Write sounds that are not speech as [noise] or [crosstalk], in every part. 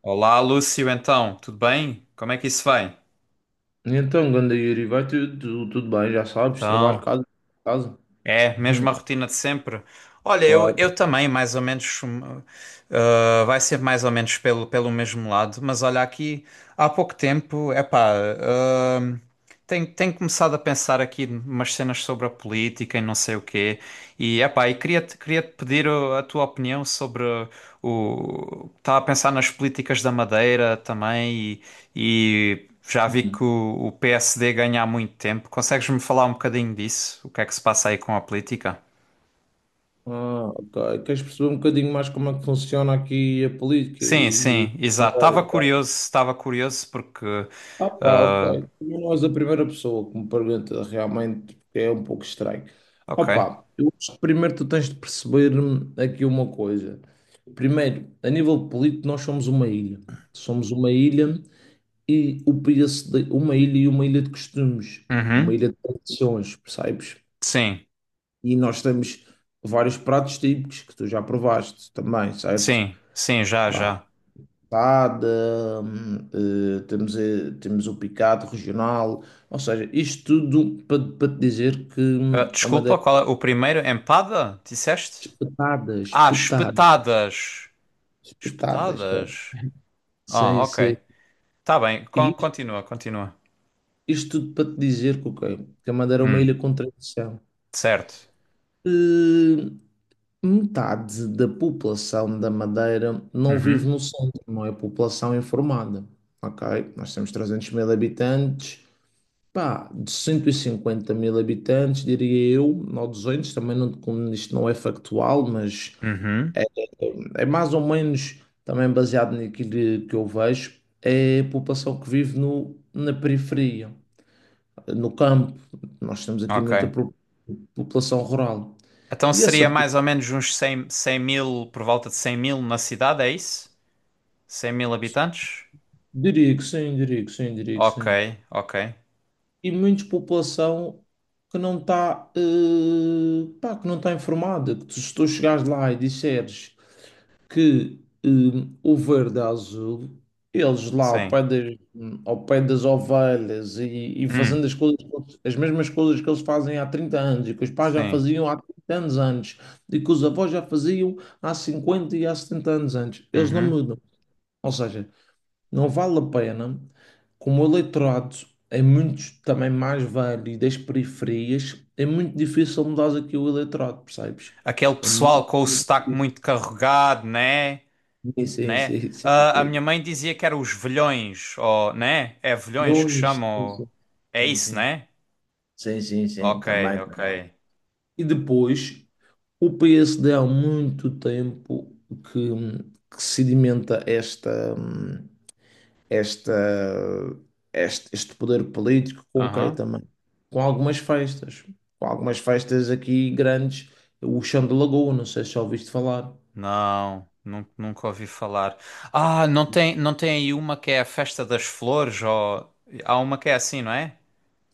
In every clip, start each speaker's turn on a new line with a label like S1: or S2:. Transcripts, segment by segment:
S1: Olá, Lúcio, então, tudo bem? Como é que isso vai?
S2: Então, ganda Yuri, vai bem, já sabes, trabalho,
S1: Então,
S2: casa, casa.
S1: é,
S2: Hum,
S1: mesma rotina de sempre. Olha, eu,
S2: Claro.
S1: eu também, mais ou menos, vai ser mais ou menos pelo mesmo lado, mas olha, aqui há pouco tempo, epá, hum, tenho começado a pensar aqui umas cenas sobre a política e não sei o quê, e epá, e queria-te pedir a tua opinião sobre o... Estava a pensar nas políticas da Madeira também e já vi que
S2: Hum.
S1: o PSD ganha há muito tempo. Consegues-me falar um bocadinho disso? O que é que se passa aí com a política?
S2: Ah, ok. Queres perceber um bocadinho mais como é que funciona aqui a política
S1: Sim,
S2: e
S1: sim, exato.
S2: Madeira e tal?
S1: Estava curioso porque.
S2: Ah, pá,
S1: Ah,
S2: ok. Também não és a primeira pessoa que me pergunta realmente, porque é um pouco estranho. Opa,
S1: ok.
S2: pá, eu acho que primeiro tu tens de perceber aqui uma coisa. Primeiro, a nível político, nós somos uma ilha. Somos uma ilha e o preço de uma ilha e uma ilha de costumes, uma
S1: Uhum.
S2: ilha de tradições, percebes?
S1: Sim,
S2: E nós temos vários pratos típicos que tu já provaste também, certo?
S1: sim, sim, já,
S2: Bah,
S1: já.
S2: tada, temos o picado regional, ou seja, isto tudo para te dizer que
S1: Ah,
S2: é uma das
S1: desculpa, qual é o primeiro? Empada? Disseste?
S2: espetadas,
S1: Ah,
S2: espetadas,
S1: espetadas.
S2: espetadas, é.
S1: Espetadas? Ah,
S2: Sim, sim.
S1: ok. Tá bem,
S2: E isto,
S1: continua, continua.
S2: isto tudo para te dizer que, ok, que a Madeira é uma
S1: Hum,
S2: ilha com tradição.
S1: certo.
S2: Eh, Metade da população da Madeira não vive
S1: Uhum,
S2: no centro, não é população informada. Ok? Nós temos 300 mil habitantes, pá, de 150 mil habitantes, diria eu, ou 200, também não, como isto não é factual, mas
S1: uhum,
S2: é mais ou menos também baseado naquilo que eu vejo, é a população que vive na periferia, no campo. Nós temos aqui muita
S1: ok.
S2: população rural.
S1: Então
S2: E
S1: seria
S2: essa,
S1: mais ou menos uns cem 100 mil, por volta de 100 mil na cidade, é isso? Cem mil habitantes?
S2: diria que sim, diria que sim, diria que
S1: Ok,
S2: sim.
S1: ok.
S2: E muita população que não está, pá, que não está informada. Se tu chegares lá e disseres que o verde é azul, eles lá
S1: Sim.
S2: ao pé das ovelhas e
S1: Hum,
S2: fazendo as coisas, as mesmas coisas que eles fazem há 30 anos e que os pais já
S1: sim.
S2: faziam há 30 anos antes e que os avós já faziam há 50 e há 70 anos antes, eles não
S1: Uhum.
S2: mudam. Ou seja, não vale a pena, como o eleitorado é muito também mais velho e das periferias, é muito difícil mudar aqui o eleitorado, percebes?
S1: Aquele
S2: É
S1: pessoal
S2: muito
S1: com o sotaque
S2: difícil.
S1: muito carregado, né?
S2: Sim, sim,
S1: Né?
S2: sim, sim,
S1: Ah, a
S2: sim.
S1: minha mãe dizia que eram os velhões, ou, né? É velhões que
S2: Nunes, sim,
S1: chamam. É
S2: sim,
S1: isso,
S2: sim.
S1: né?
S2: Sim, sim, sim, sim,
S1: Ok,
S2: também,
S1: ok.
S2: também. E depois, o PSD há muito tempo que, que sedimenta esta, este poder político com o
S1: Aham.
S2: também? Com algumas festas. Com algumas festas aqui grandes. O Chão de Lagoa, não sei se já ouviste falar.
S1: Não, nunca ouvi falar. Ah, não tem, não tem aí uma que é a Festa das Flores, ou há uma que é assim, não é?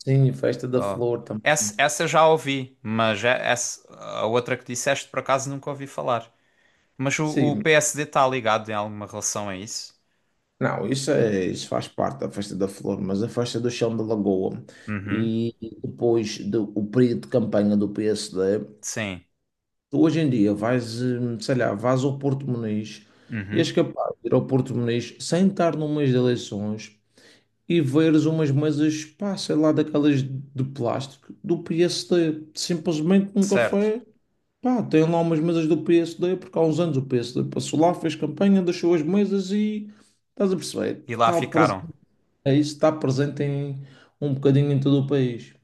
S2: Sim, Festa da
S1: Oh.
S2: Flor
S1: Essa,
S2: também.
S1: essa já ouvi, mas essa, a outra que disseste por acaso nunca ouvi falar. Mas o
S2: Sim,
S1: PSD está ligado em alguma relação a isso?
S2: não, isso, é, isso faz parte da Festa da Flor, mas a Festa do Chão de Lagoa
S1: Uhum,
S2: e depois do o período de campanha do PSD,
S1: sim,
S2: tu hoje em dia sei lá, vais ao Porto Muniz e és
S1: uhum,
S2: capaz de ir ao Porto Muniz sem estar no mês de eleições e veres umas mesas, pá, sei lá, daquelas de plástico do PSD. Simplesmente num
S1: certo.
S2: café, pá, tem lá umas mesas do PSD, porque há uns anos o PSD passou lá, fez campanha, deixou as mesas e estás a perceber?
S1: E lá
S2: Está
S1: ficaram.
S2: presente, é isso, está presente em um bocadinho em todo o país.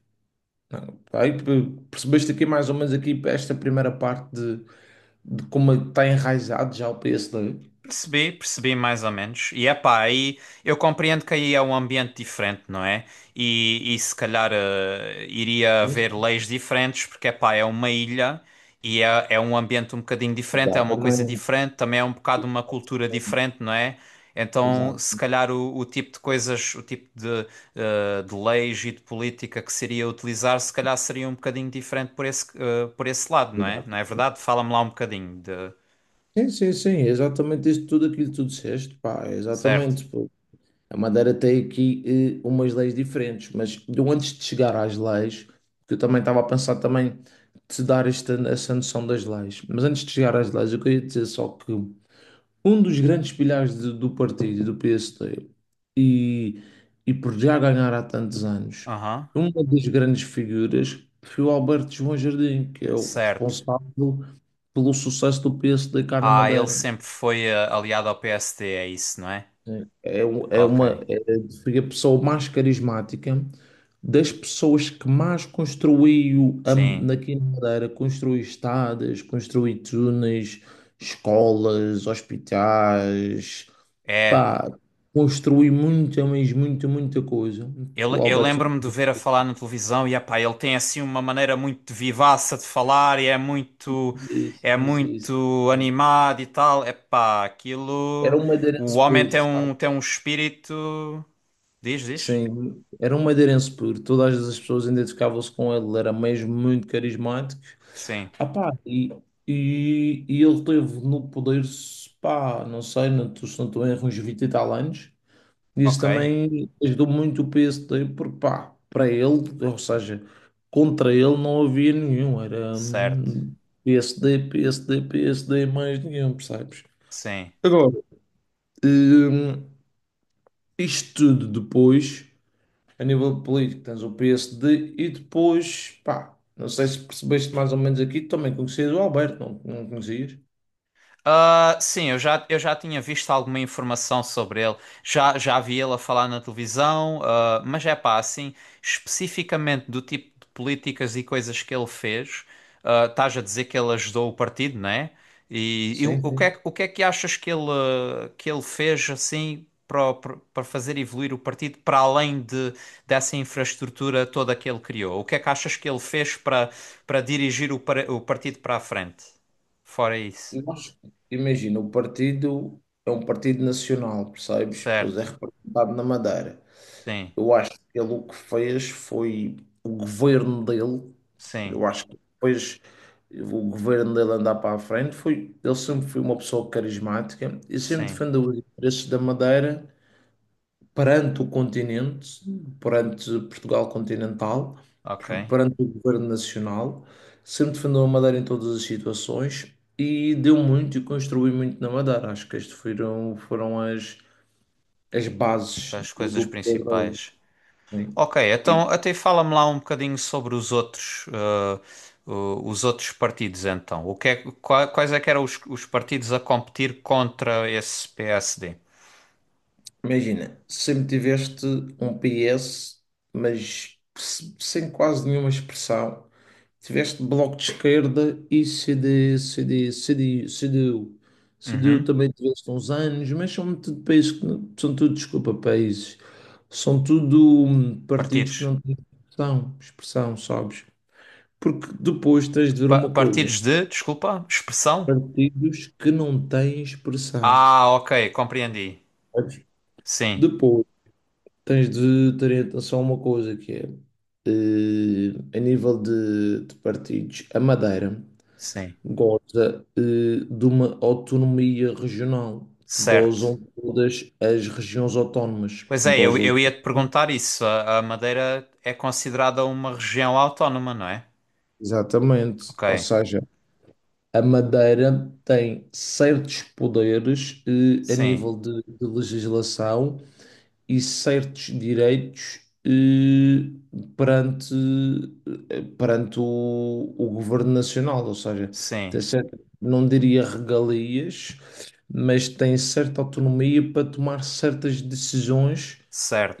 S2: Percebeste aqui mais ou menos aqui esta primeira parte de como está enraizado já o PSD.
S1: Percebi, percebi mais ou menos. E é pá, aí eu compreendo que aí é um ambiente diferente, não é? E se calhar iria
S2: Isso,
S1: haver leis diferentes, porque é pá, é uma ilha e é, é um ambiente um bocadinho diferente, é uma coisa
S2: exatamente.
S1: diferente, também é um bocado uma cultura diferente, não é? Então,
S2: Exato,
S1: se calhar o tipo de coisas, o tipo de, de leis e de política que seria utilizar, se calhar seria um bocadinho diferente por esse, por esse lado, não é? Não
S2: exato.
S1: é verdade? Fala-me lá um bocadinho de...
S2: Sim, sim, sim, é exatamente isso, tudo aquilo que tu disseste, pá, é
S1: Certo.
S2: exatamente. Pô. A Madeira tem aqui umas leis diferentes, mas eu antes de chegar às leis, que eu também estava a pensar também te dar essa noção das leis, mas antes de chegar às leis, eu queria dizer só que um dos grandes pilares do partido, do PSD, e, e por já ganhar há tantos anos,
S1: Aham.
S2: uma das grandes figuras foi o Alberto João Jardim, que é o
S1: Certo.
S2: responsável pelo sucesso do PSD cá na
S1: Ah, ele
S2: Madeira.
S1: sempre foi aliado ao PSD, é isso, não é?
S2: É, um- é
S1: Ok.
S2: uma, é, foi a pessoa mais carismática, das pessoas que mais construiu
S1: Sim.
S2: aqui na Madeira, construiu estradas, construiu túneis, escolas, hospitais,
S1: É.
S2: pá, construiu muita, mas muita, muita coisa. O
S1: Eu
S2: Alberto
S1: lembro-me de o ver a falar na televisão e, epá, ele tem assim uma maneira muito vivaça de falar e
S2: Sim,
S1: é
S2: sim, sim, sim,
S1: muito animado e tal. Epá,
S2: era
S1: aquilo...
S2: um
S1: O
S2: madeirense
S1: homem
S2: puro, sabe?
S1: tem um espírito... Diz, diz?
S2: Sim, era um madeirense puro. Todas as pessoas identificavam-se com ele, ele era mesmo muito carismático.
S1: Sim.
S2: Ah, pá, e ele teve no poder, pá, não sei, não estou se não estou em erro, uns 20 e tal anos. Isso
S1: Ok.
S2: também ajudou muito o PSD, porque, pá, para ele, ou seja, contra ele não havia nenhum. Era
S1: Certo.
S2: PSD, PSD, PSD, mais nenhum, percebes?
S1: Sim.
S2: Agora, hum, isto tudo depois, a nível político, tens o PSD e depois, pá, não sei se percebeste mais ou menos aqui, também conhecias o Alberto, não, não conhecias?
S1: Ah, sim, eu já tinha visto alguma informação sobre ele, já, já vi ele a falar na televisão, ah, mas é pá, assim, especificamente do tipo de políticas e coisas que ele fez, ah, estás a dizer que ele ajudou o partido, não é? E
S2: Sim,
S1: o que é,
S2: sim.
S1: o que é que achas que ele, ah, que ele fez assim para, para para fazer evoluir o partido para além de, dessa infraestrutura toda que ele criou? O que é que achas que ele fez para, para dirigir o partido para a frente? Fora isso.
S2: Nós, imagina, o partido é um partido nacional, percebes? Pois
S1: Certo.
S2: é representado na Madeira.
S1: Sim,
S2: Eu acho que ele o que fez foi o governo dele,
S1: sim,
S2: eu acho que depois o governo dele andar para a frente, ele sempre foi uma pessoa carismática e sempre
S1: sim.
S2: defendeu os interesses da Madeira perante o continente, perante Portugal continental,
S1: Ok.
S2: perante o governo nacional, sempre defendeu a Madeira em todas as situações e deu muito e construiu muito na Madeira. Acho que estas foram as
S1: O-
S2: bases
S1: As coisas
S2: do poder da.
S1: principais.
S2: Sim.
S1: Ok,
S2: E,
S1: então até fala-me lá um bocadinho sobre os outros, os outros partidos então. O que quais é que eram os partidos a competir contra esse PSD?
S2: Imagina, sempre tiveste um PS, mas sem quase nenhuma expressão. Tiveste bloco de esquerda e CDU. CDU
S1: Uhum.
S2: também tiveste uns anos, mas são tudo países que não, são tudo, desculpa, países. São tudo partidos
S1: Partidos.
S2: que não têm expressão, expressão, sabes? Porque depois tens de ver uma coisa,
S1: Partidos de, desculpa, expressão?
S2: partidos que não têm expressão,
S1: Ah, ok, compreendi.
S2: sabes?
S1: Sim,
S2: Depois tens de ter atenção a uma coisa que é, a nível de partidos, a Madeira
S1: sim.
S2: goza de uma autonomia regional, que
S1: Certo.
S2: gozam todas as regiões autónomas.
S1: Pois é,
S2: Gozam
S1: eu ia te perguntar isso. A Madeira é considerada uma região autónoma, não é?
S2: exatamente.
S1: Ok.
S2: Ou seja, a Madeira tem certos poderes a
S1: Sim,
S2: nível de legislação e certos direitos perante, perante o governo nacional, ou seja,
S1: sim,
S2: tem certa, não diria regalias, mas tem certa autonomia para tomar certas decisões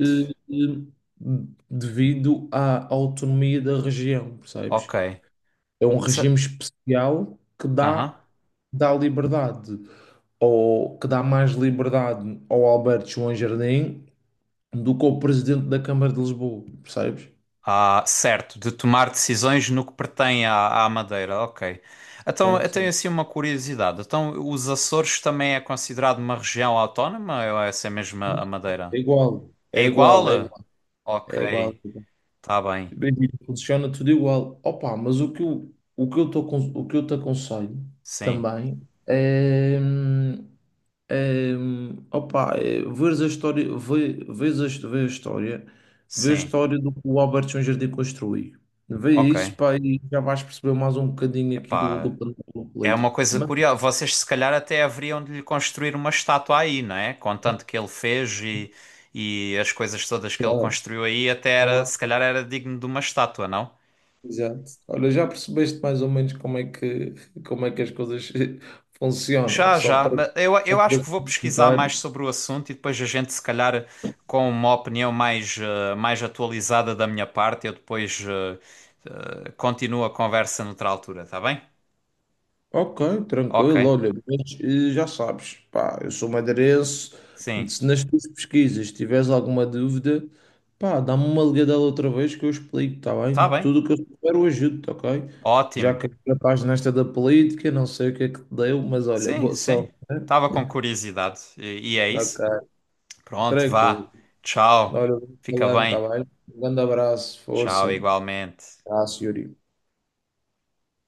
S2: eh, eh, devido à autonomia da região, percebes?
S1: Ok.
S2: É um regime
S1: Se-
S2: especial que
S1: Aham.
S2: dá liberdade, ou que dá mais liberdade ao Alberto João Jardim do que o presidente da Câmara de Lisboa, percebes?
S1: Ah, certo, de tomar decisões no que pertém à, à Madeira, ok. Então,
S2: Sim,
S1: eu tenho
S2: sim.
S1: assim uma curiosidade. Então, os Açores também é considerado uma região autónoma ou é essa mesmo a Madeira?
S2: É igual,
S1: É
S2: é
S1: igual?
S2: igual, é igual, é igual.
S1: Ok, tá bem.
S2: Bem, funciona tudo igual. Opa, mas o que eu te aconselho
S1: Sim,
S2: também é, opa, é veres a história, vê a história, vê a
S1: sim,
S2: história do que o Albert Jardim construiu. Vê
S1: ok.
S2: isso, pá, e já vais perceber mais um bocadinho aqui
S1: Epá.
S2: do plano
S1: É uma
S2: político.
S1: coisa curiosa. Vocês, se calhar, até haveriam de lhe construir uma estátua aí, não é? Com tanto que ele fez e as coisas todas que ele
S2: Claro.
S1: construiu aí, até era, se calhar, era digno de uma estátua, não?
S2: Exato. Olha, já percebeste mais ou menos como é que as coisas [laughs] funcionam,
S1: Já, já. Mas Eu,
S2: só
S1: eu
S2: para
S1: acho que
S2: esse
S1: vou pesquisar mais
S2: comentário.
S1: sobre o assunto e depois a gente, se calhar, com uma opinião mais, mais atualizada da minha parte, eu depois continuo a conversa noutra altura, tá bem?
S2: Ok,
S1: Ok.
S2: tranquilo, olha, mas já sabes, pá, eu sou madeirense,
S1: Sim.
S2: se nas tuas pesquisas tiveres alguma dúvida, pá, dá-me uma ligadela outra vez que eu explico, está
S1: Tá
S2: bem?
S1: bem.
S2: Tudo o que eu souber eu ajudo, ok? Já
S1: Ótimo.
S2: que já estás nesta da política, não sei o que é que te deu, mas olha,
S1: Sim,
S2: boa
S1: sim.
S2: sorte, né?
S1: Tava com curiosidade. E é isso.
S2: Ok,
S1: Pronto,
S2: tranquilo.
S1: vá. Tchau.
S2: Olha, eu vou
S1: Fica
S2: falando, tá
S1: bem.
S2: bem? Um grande abraço,
S1: Tchau,
S2: força.
S1: igualmente.
S2: Abraço, Yuri.